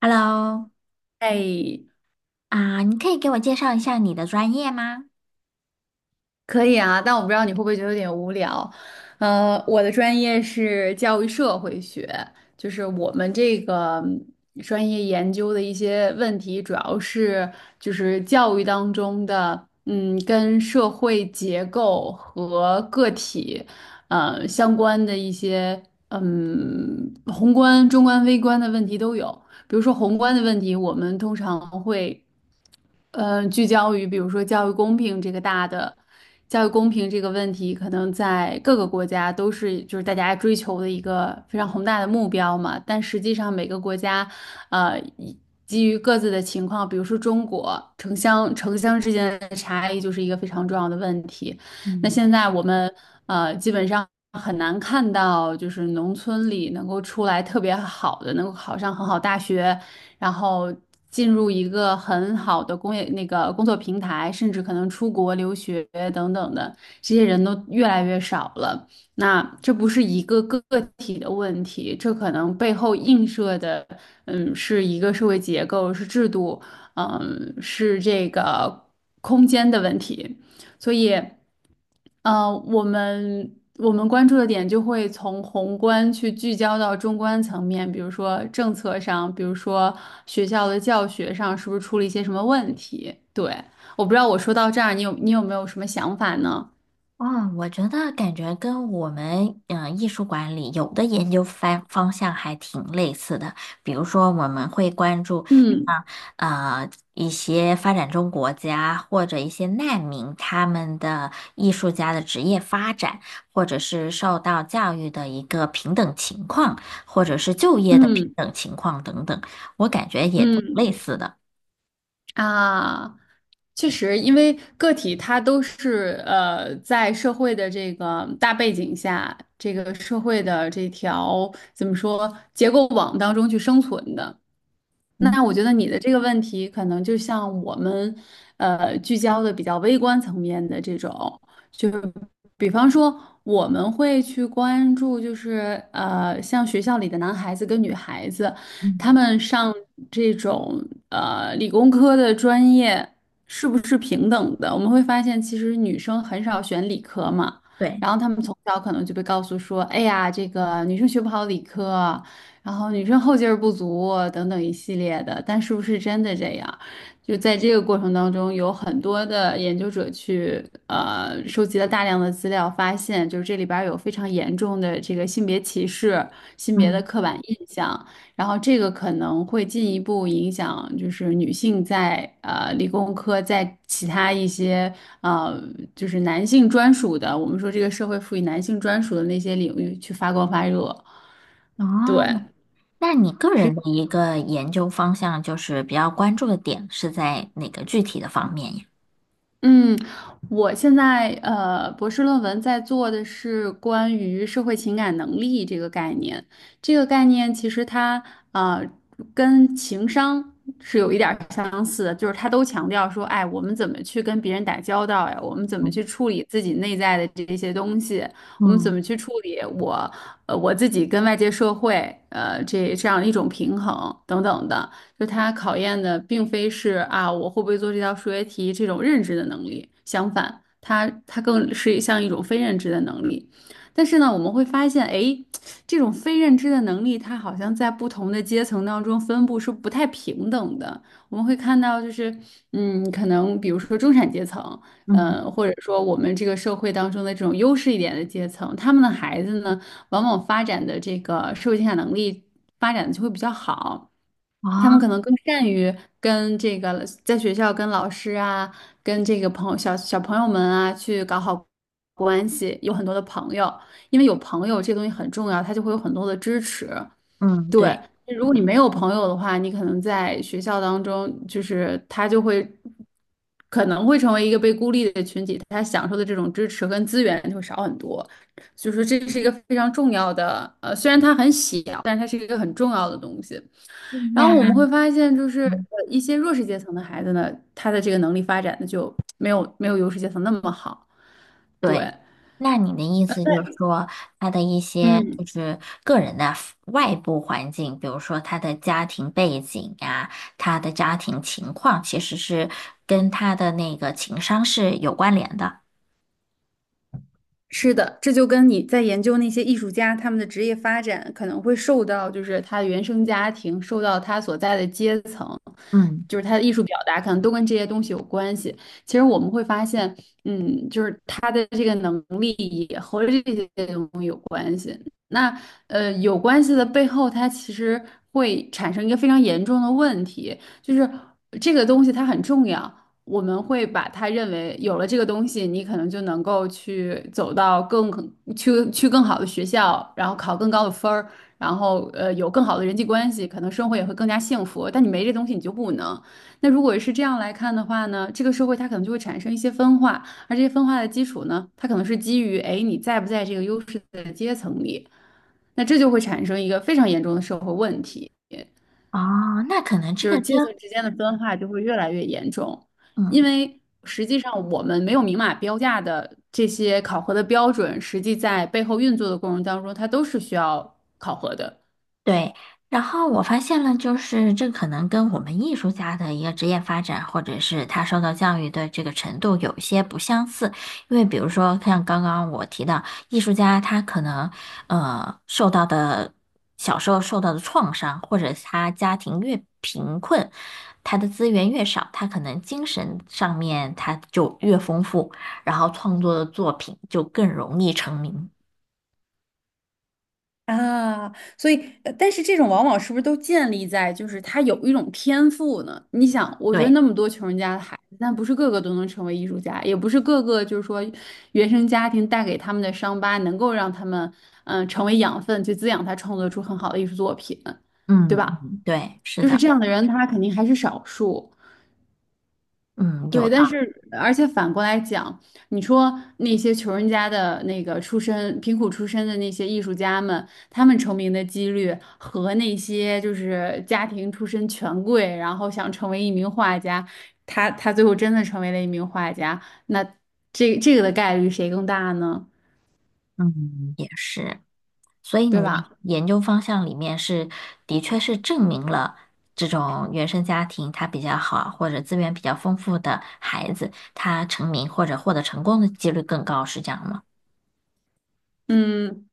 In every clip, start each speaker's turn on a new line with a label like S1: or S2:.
S1: Hello,
S2: 哎，
S1: 啊，你可以给我介绍一下你的专业吗？
S2: 可以啊，但我不知道你会不会觉得有点无聊。我的专业是教育社会学，就是我们这个专业研究的一些问题，主要是就是教育当中的，跟社会结构和个体，相关的一些，宏观、中观、微观的问题都有。比如说宏观的问题，我们通常会。聚焦于比如说教育公平这个大的教育公平这个问题，可能在各个国家都是就是大家追求的一个非常宏大的目标嘛。但实际上每个国家，呃，以基于各自的情况，比如说中国城乡之间的差异就是一个非常重要的问题。那
S1: 嗯。
S2: 现在我们基本上。很难看到，就是农村里能够出来特别好的，能够考上很好大学，然后进入一个很好的工业那个工作平台，甚至可能出国留学等等的，这些人都越来越少了。那这不是一个个体的问题，这可能背后映射的，是一个社会结构，是制度，是这个空间的问题，所以。我们关注的点就会从宏观去聚焦到中观层面，比如说政策上，比如说学校的教学上，是不是出了一些什么问题？对，我不知道我说到这儿，你有没有什么想法呢？
S1: 哦，我觉得感觉跟我们艺术管理有的研究方向还挺类似的，比如说我们会关注
S2: 嗯。
S1: 啊呃一些发展中国家或者一些难民他们的艺术家的职业发展，或者是受到教育的一个平等情况，或者是就业的平
S2: 嗯
S1: 等情况等等，我感觉也挺
S2: 嗯
S1: 类似的。
S2: 啊，确实，因为个体它都是在社会的这个大背景下，这个社会的这条怎么说结构网当中去生存的。
S1: 嗯。
S2: 那我觉得你的这个问题，可能就像我们，聚焦的比较微观层面的这种，就是比方说，我们会去关注，就是像学校里的男孩子跟女孩子，他
S1: 嗯，
S2: 们上这种理工科的专业是不是平等的？我们会发现，其实女生很少选理科嘛，
S1: 对。
S2: 然后他们从小可能就被告诉说，哎呀，这个女生学不好理科，然后女生后劲儿不足啊等等一系列的，但是不是真的这样？就在这个过程当中，有很多的研究者去收集了大量的资料，发现就是这里边儿有非常严重的这个性别歧视、性别的
S1: 嗯。
S2: 刻板印象，然后这个可能会进一步影响就是女性在理工科在其他一些呃就是男性专属的，我们说这个社会赋予男性专属的那些领域去发光发热，对。
S1: 哦，那你个人的一个研究方向，就是比较关注的点是在哪个具体的方面呀？
S2: 嗯，我现在博士论文在做的是关于社会情感能力这个概念。这个概念其实它呃跟情商是有一点儿相似的，就是它都强调说，哎，我们怎么去跟别人打交道呀？我们怎么
S1: 嗯。
S2: 去处理自己内在的这些东西？我们怎
S1: 嗯。
S2: 么去处理我呃我自己跟外界社会这样一种平衡等等的。就它考验的并非是啊我会不会做这道数学题这种认知的能力，相反，它更是像一种非认知的能力。但是呢，我们会发现，哎，这种非认知的能力，它好像在不同的阶层当中分布是不太平等的。我们会看到，就是可能比如说中产阶层。
S1: 嗯。
S2: 或者说我们这个社会当中的这种优势一点的阶层，他们的孩子呢，往往发展的这个社会竞赛能力发展的就会比较好。他
S1: 哦。
S2: 们可能更善于跟这个在学校跟老师啊，跟这个朋友小朋友们啊去搞好关系，有很多的朋友，因为有朋友这个东西很重要，他就会有很多的支持。
S1: 嗯。
S2: 对，
S1: 对。
S2: 如果你没有朋友的话，你可能在学校当中，就是他就会可能会成为一个被孤立的群体，他享受的这种支持跟资源就会少很多。所以说，这是一个非常重要的，虽然它很小，但是它是一个很重要的东西。
S1: 嗯
S2: 然后我
S1: 那
S2: 们会发现，就是
S1: 嗯
S2: 一些弱势阶层的孩子呢，他的这个能力发展的就没有优势阶层那么好。对，
S1: 对，那你的意思就是说，他的一些就
S2: 嗯。
S1: 是个人的 外部环境，比如说他的家庭背景呀，他的家庭情况，其实是跟他的那个情商是有关联的。
S2: 是的，这就跟你在研究那些艺术家他们的职业发展可能会受到，就是他的原生家庭，受到他所在的阶层，
S1: 嗯。
S2: 就是他的艺术表达，可能都跟这些东西有关系。其实我们会发现，就是他的这个能力也和这些东西有关系。那有关系的背后，它其实会产生一个非常严重的问题，就是这个东西它很重要。我们会把它认为有了这个东西，你可能就能够去走到更去更好的学校，然后考更高的分儿，然后有更好的人际关系，可能生活也会更加幸福。但你没这东西，你就不能。那如果是这样来看的话呢，这个社会它可能就会产生一些分化，而这些分化的基础呢，它可能是基于哎你在不在这个优势的阶层里，那这就会产生一个非常严重的社会问题。
S1: 哦，那可能这
S2: 就
S1: 个
S2: 是
S1: 跟
S2: 阶层之间的分化就会越来越严重，因
S1: 嗯。
S2: 为实际上我们没有明码标价的这些考核的标准，实际在背后运作的过程当中，它都是需要考核的。
S1: 对，然后我发现了，就是这可能跟我们艺术家的一个职业发展，或者是他受到教育的这个程度有一些不相似。因为比如说，像刚刚我提到，艺术家他可能受到的小时候受到的创伤，或者是他家庭越贫困，他的资源越少，他可能精神上面他就越丰富，然后创作的作品就更容易成名。
S2: 啊，所以，但是这种往往是不是都建立在就是他有一种天赋呢？你想，我觉得
S1: 对。
S2: 那么多穷人家的孩子，但不是个个都能成为艺术家，也不是个个就是说原生家庭带给他们的伤疤能够让他们成为养分去滋养他创作出很好的艺术作品，对
S1: 嗯，
S2: 吧？
S1: 嗯对，是
S2: 就是
S1: 的。
S2: 这样的人，他肯定还是少数。
S1: 嗯，有
S2: 对，
S1: 的。
S2: 但是而且反过来讲，你说那些穷人家的那个出身、贫苦出身的那些艺术家们，他们成名的几率和那些就是家庭出身权贵，然后想成为一名画家，他最后真的成为了一名画家，那这个的概率谁更大呢？
S1: 嗯，也是，所以
S2: 对
S1: 你的
S2: 吧？
S1: 研究方向里面是，的确是证明了这种原生家庭他比较好或者资源比较丰富的孩子，他成名或者获得成功的几率更高，是这样吗？
S2: 嗯，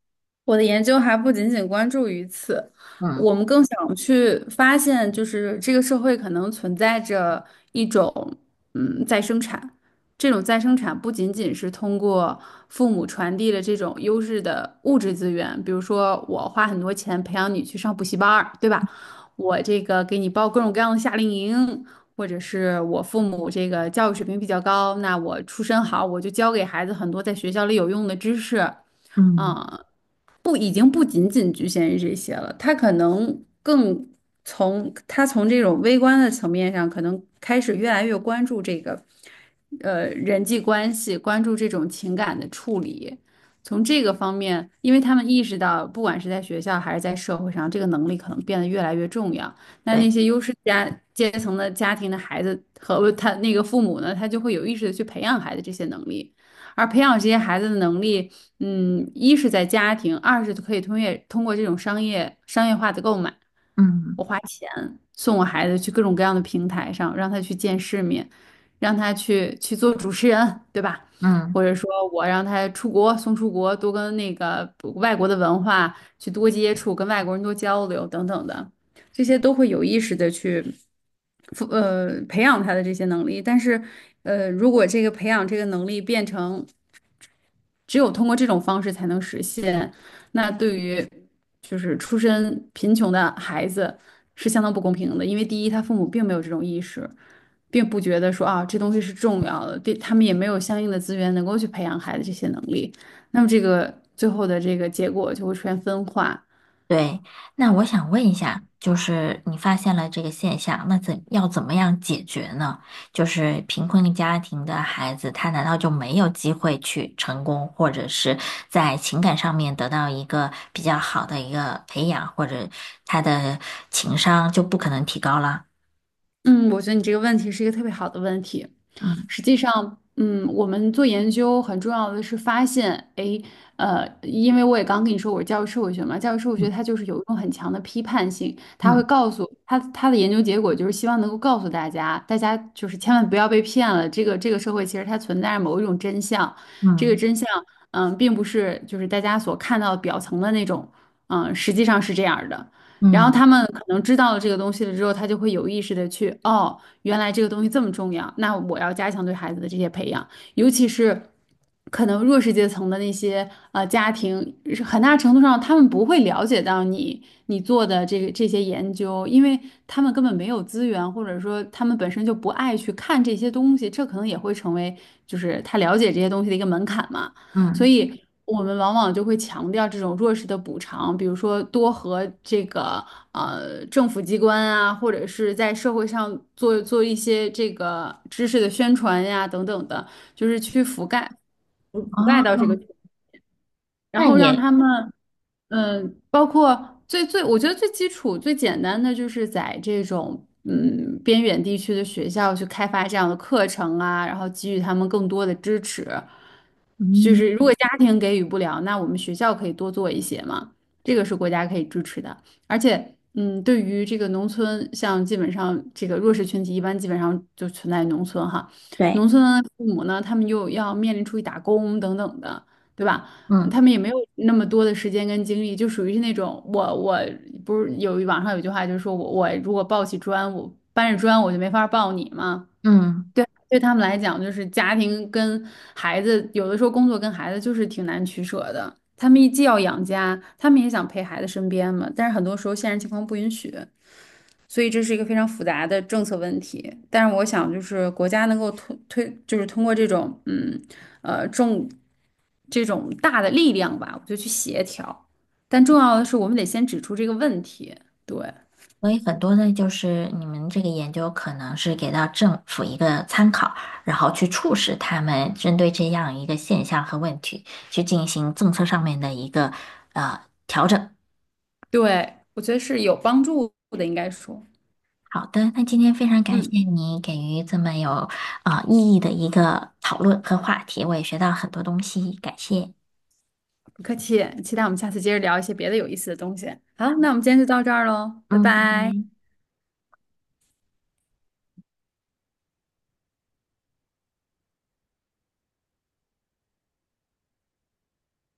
S2: 我的研究还不仅仅关注于此，
S1: 嗯。
S2: 我们更想去发现，就是这个社会可能存在着一种，再生产。这种再生产不仅仅是通过父母传递的这种优质的物质资源，比如说我花很多钱培养你去上补习班儿，对吧？我这个给你报各种各样的夏令营，或者是我父母这个教育水平比较高，那我出身好，我就教给孩子很多在学校里有用的知识。
S1: 嗯，
S2: 啊，不，已经不仅仅局限于这些了，他可能更从这种微观的层面上，可能开始越来越关注这个，人际关系，关注这种情感的处理。从这个方面，因为他们意识到，不管是在学校还是在社会上，这个能力可能变得越来越重要。那那
S1: 对。
S2: 些优势家阶层的家庭的孩子和他那个父母呢，他就会有意识的去培养孩子这些能力，而培养这些孩子的能力。一是在家庭，二是可以通过这种商业化的购买，
S1: 嗯。
S2: 我花钱送我孩子去各种各样的平台上，让他去见世面，让他去做主持人，对吧？或
S1: 嗯。
S2: 者说我让他出国，送出国，多跟那个外国的文化去多接触，跟外国人多交流等等的，这些都会有意识的去，培养他的这些能力。但是，如果这个培养这个能力变成只有通过这种方式才能实现。那对于就是出身贫穷的孩子是相当不公平的，因为第一，他父母并没有这种意识，并不觉得说啊这东西是重要的，对他们也没有相应的资源能够去培养孩子这些能力。那么这个最后的这个结果就会出现分化。
S1: 对，那我想问一下，就是你发现了这个现象，那怎要怎么样解决呢？就是贫困家庭的孩子，他难道就没有机会去成功，或者是在情感上面得到一个比较好的一个培养，或者他的情商就不可能提高了？
S2: 嗯，我觉得你这个问题是一个特别好的问题。
S1: 嗯。
S2: 实际上，嗯，我们做研究很重要的是发现，诶，因为我也刚跟你说我是教育社会学嘛，教育社会学
S1: 嗯。
S2: 它就是有一种很强的批判性，它会
S1: 嗯。
S2: 告诉它的研究结果就是希望能够告诉大家，大家就是千万不要被骗了，这个社会其实它存在着某一种真相，这个
S1: 嗯。
S2: 真相，嗯，并不是就是大家所看到表层的那种，嗯，实际上是这样儿的。然后
S1: 嗯。
S2: 他们可能知道了这个东西了之后，他就会有意识的去，哦，原来这个东西这么重要，那我要加强对孩子的这些培养，尤其是可能弱势阶层的那些家庭，是很大程度上他们不会了解到你做的这些研究，因为他们根本没有资源，或者说他们本身就不爱去看这些东西，这可能也会成为就是他了解这些东西的一个门槛嘛。所
S1: 嗯。
S2: 以我们往往就会强调这种弱势的补偿，比如说多和这个政府机关啊，或者是在社会上做一些这个知识的宣传呀等等的，就是去覆盖到
S1: 哦，
S2: 这个，然
S1: 那
S2: 后让
S1: 也
S2: 他们包括最我觉得最基础最简单的就是在这种。嗯，边远地区的学校去开发这样的课程啊，然后给予他们更多的支持。就
S1: 嗯，
S2: 是如果家庭给予不了，那我们学校可以多做一些嘛，这个是国家可以支持的。而且，嗯，对于这个农村，像基本上这个弱势群体，一般基本上就存在农村哈，农
S1: 对。
S2: 村的父母呢，他们又要面临出去打工等等的，对吧？
S1: 嗯。
S2: 他们也没有那么多的时间跟精力，就属于是那种我不是有网上有句话就是说我如果抱起砖，我搬着砖我就没法抱你嘛。
S1: 嗯。
S2: 对，对他们来讲，就是家庭跟孩子，有的时候工作跟孩子就是挺难取舍的。他们既要养家，他们也想陪孩子身边嘛，但是很多时候现实情况不允许，所以这是一个非常复杂的政策问题。但是我想，就是国家能够推，就是通过这种嗯呃重这种大的力量吧，我就去协调。但重要的是，我们得先指出这个问题。对，
S1: 所以很多的，就是你们这个研究可能是给到政府一个参考，然后去促使他们针对这样一个现象和问题去进行政策上面的一个。
S2: 对，我觉得是有帮助的，应该说，
S1: 好的，那今天非常感谢
S2: 嗯。
S1: 你给予这么有意义的一个讨论和话题，我也学到很多东西，感谢。
S2: 不客气，期待我们下次接着聊一些别的有意思的东西。好，那我们今天就到这儿喽，拜
S1: 嗯，拜
S2: 拜。
S1: 拜。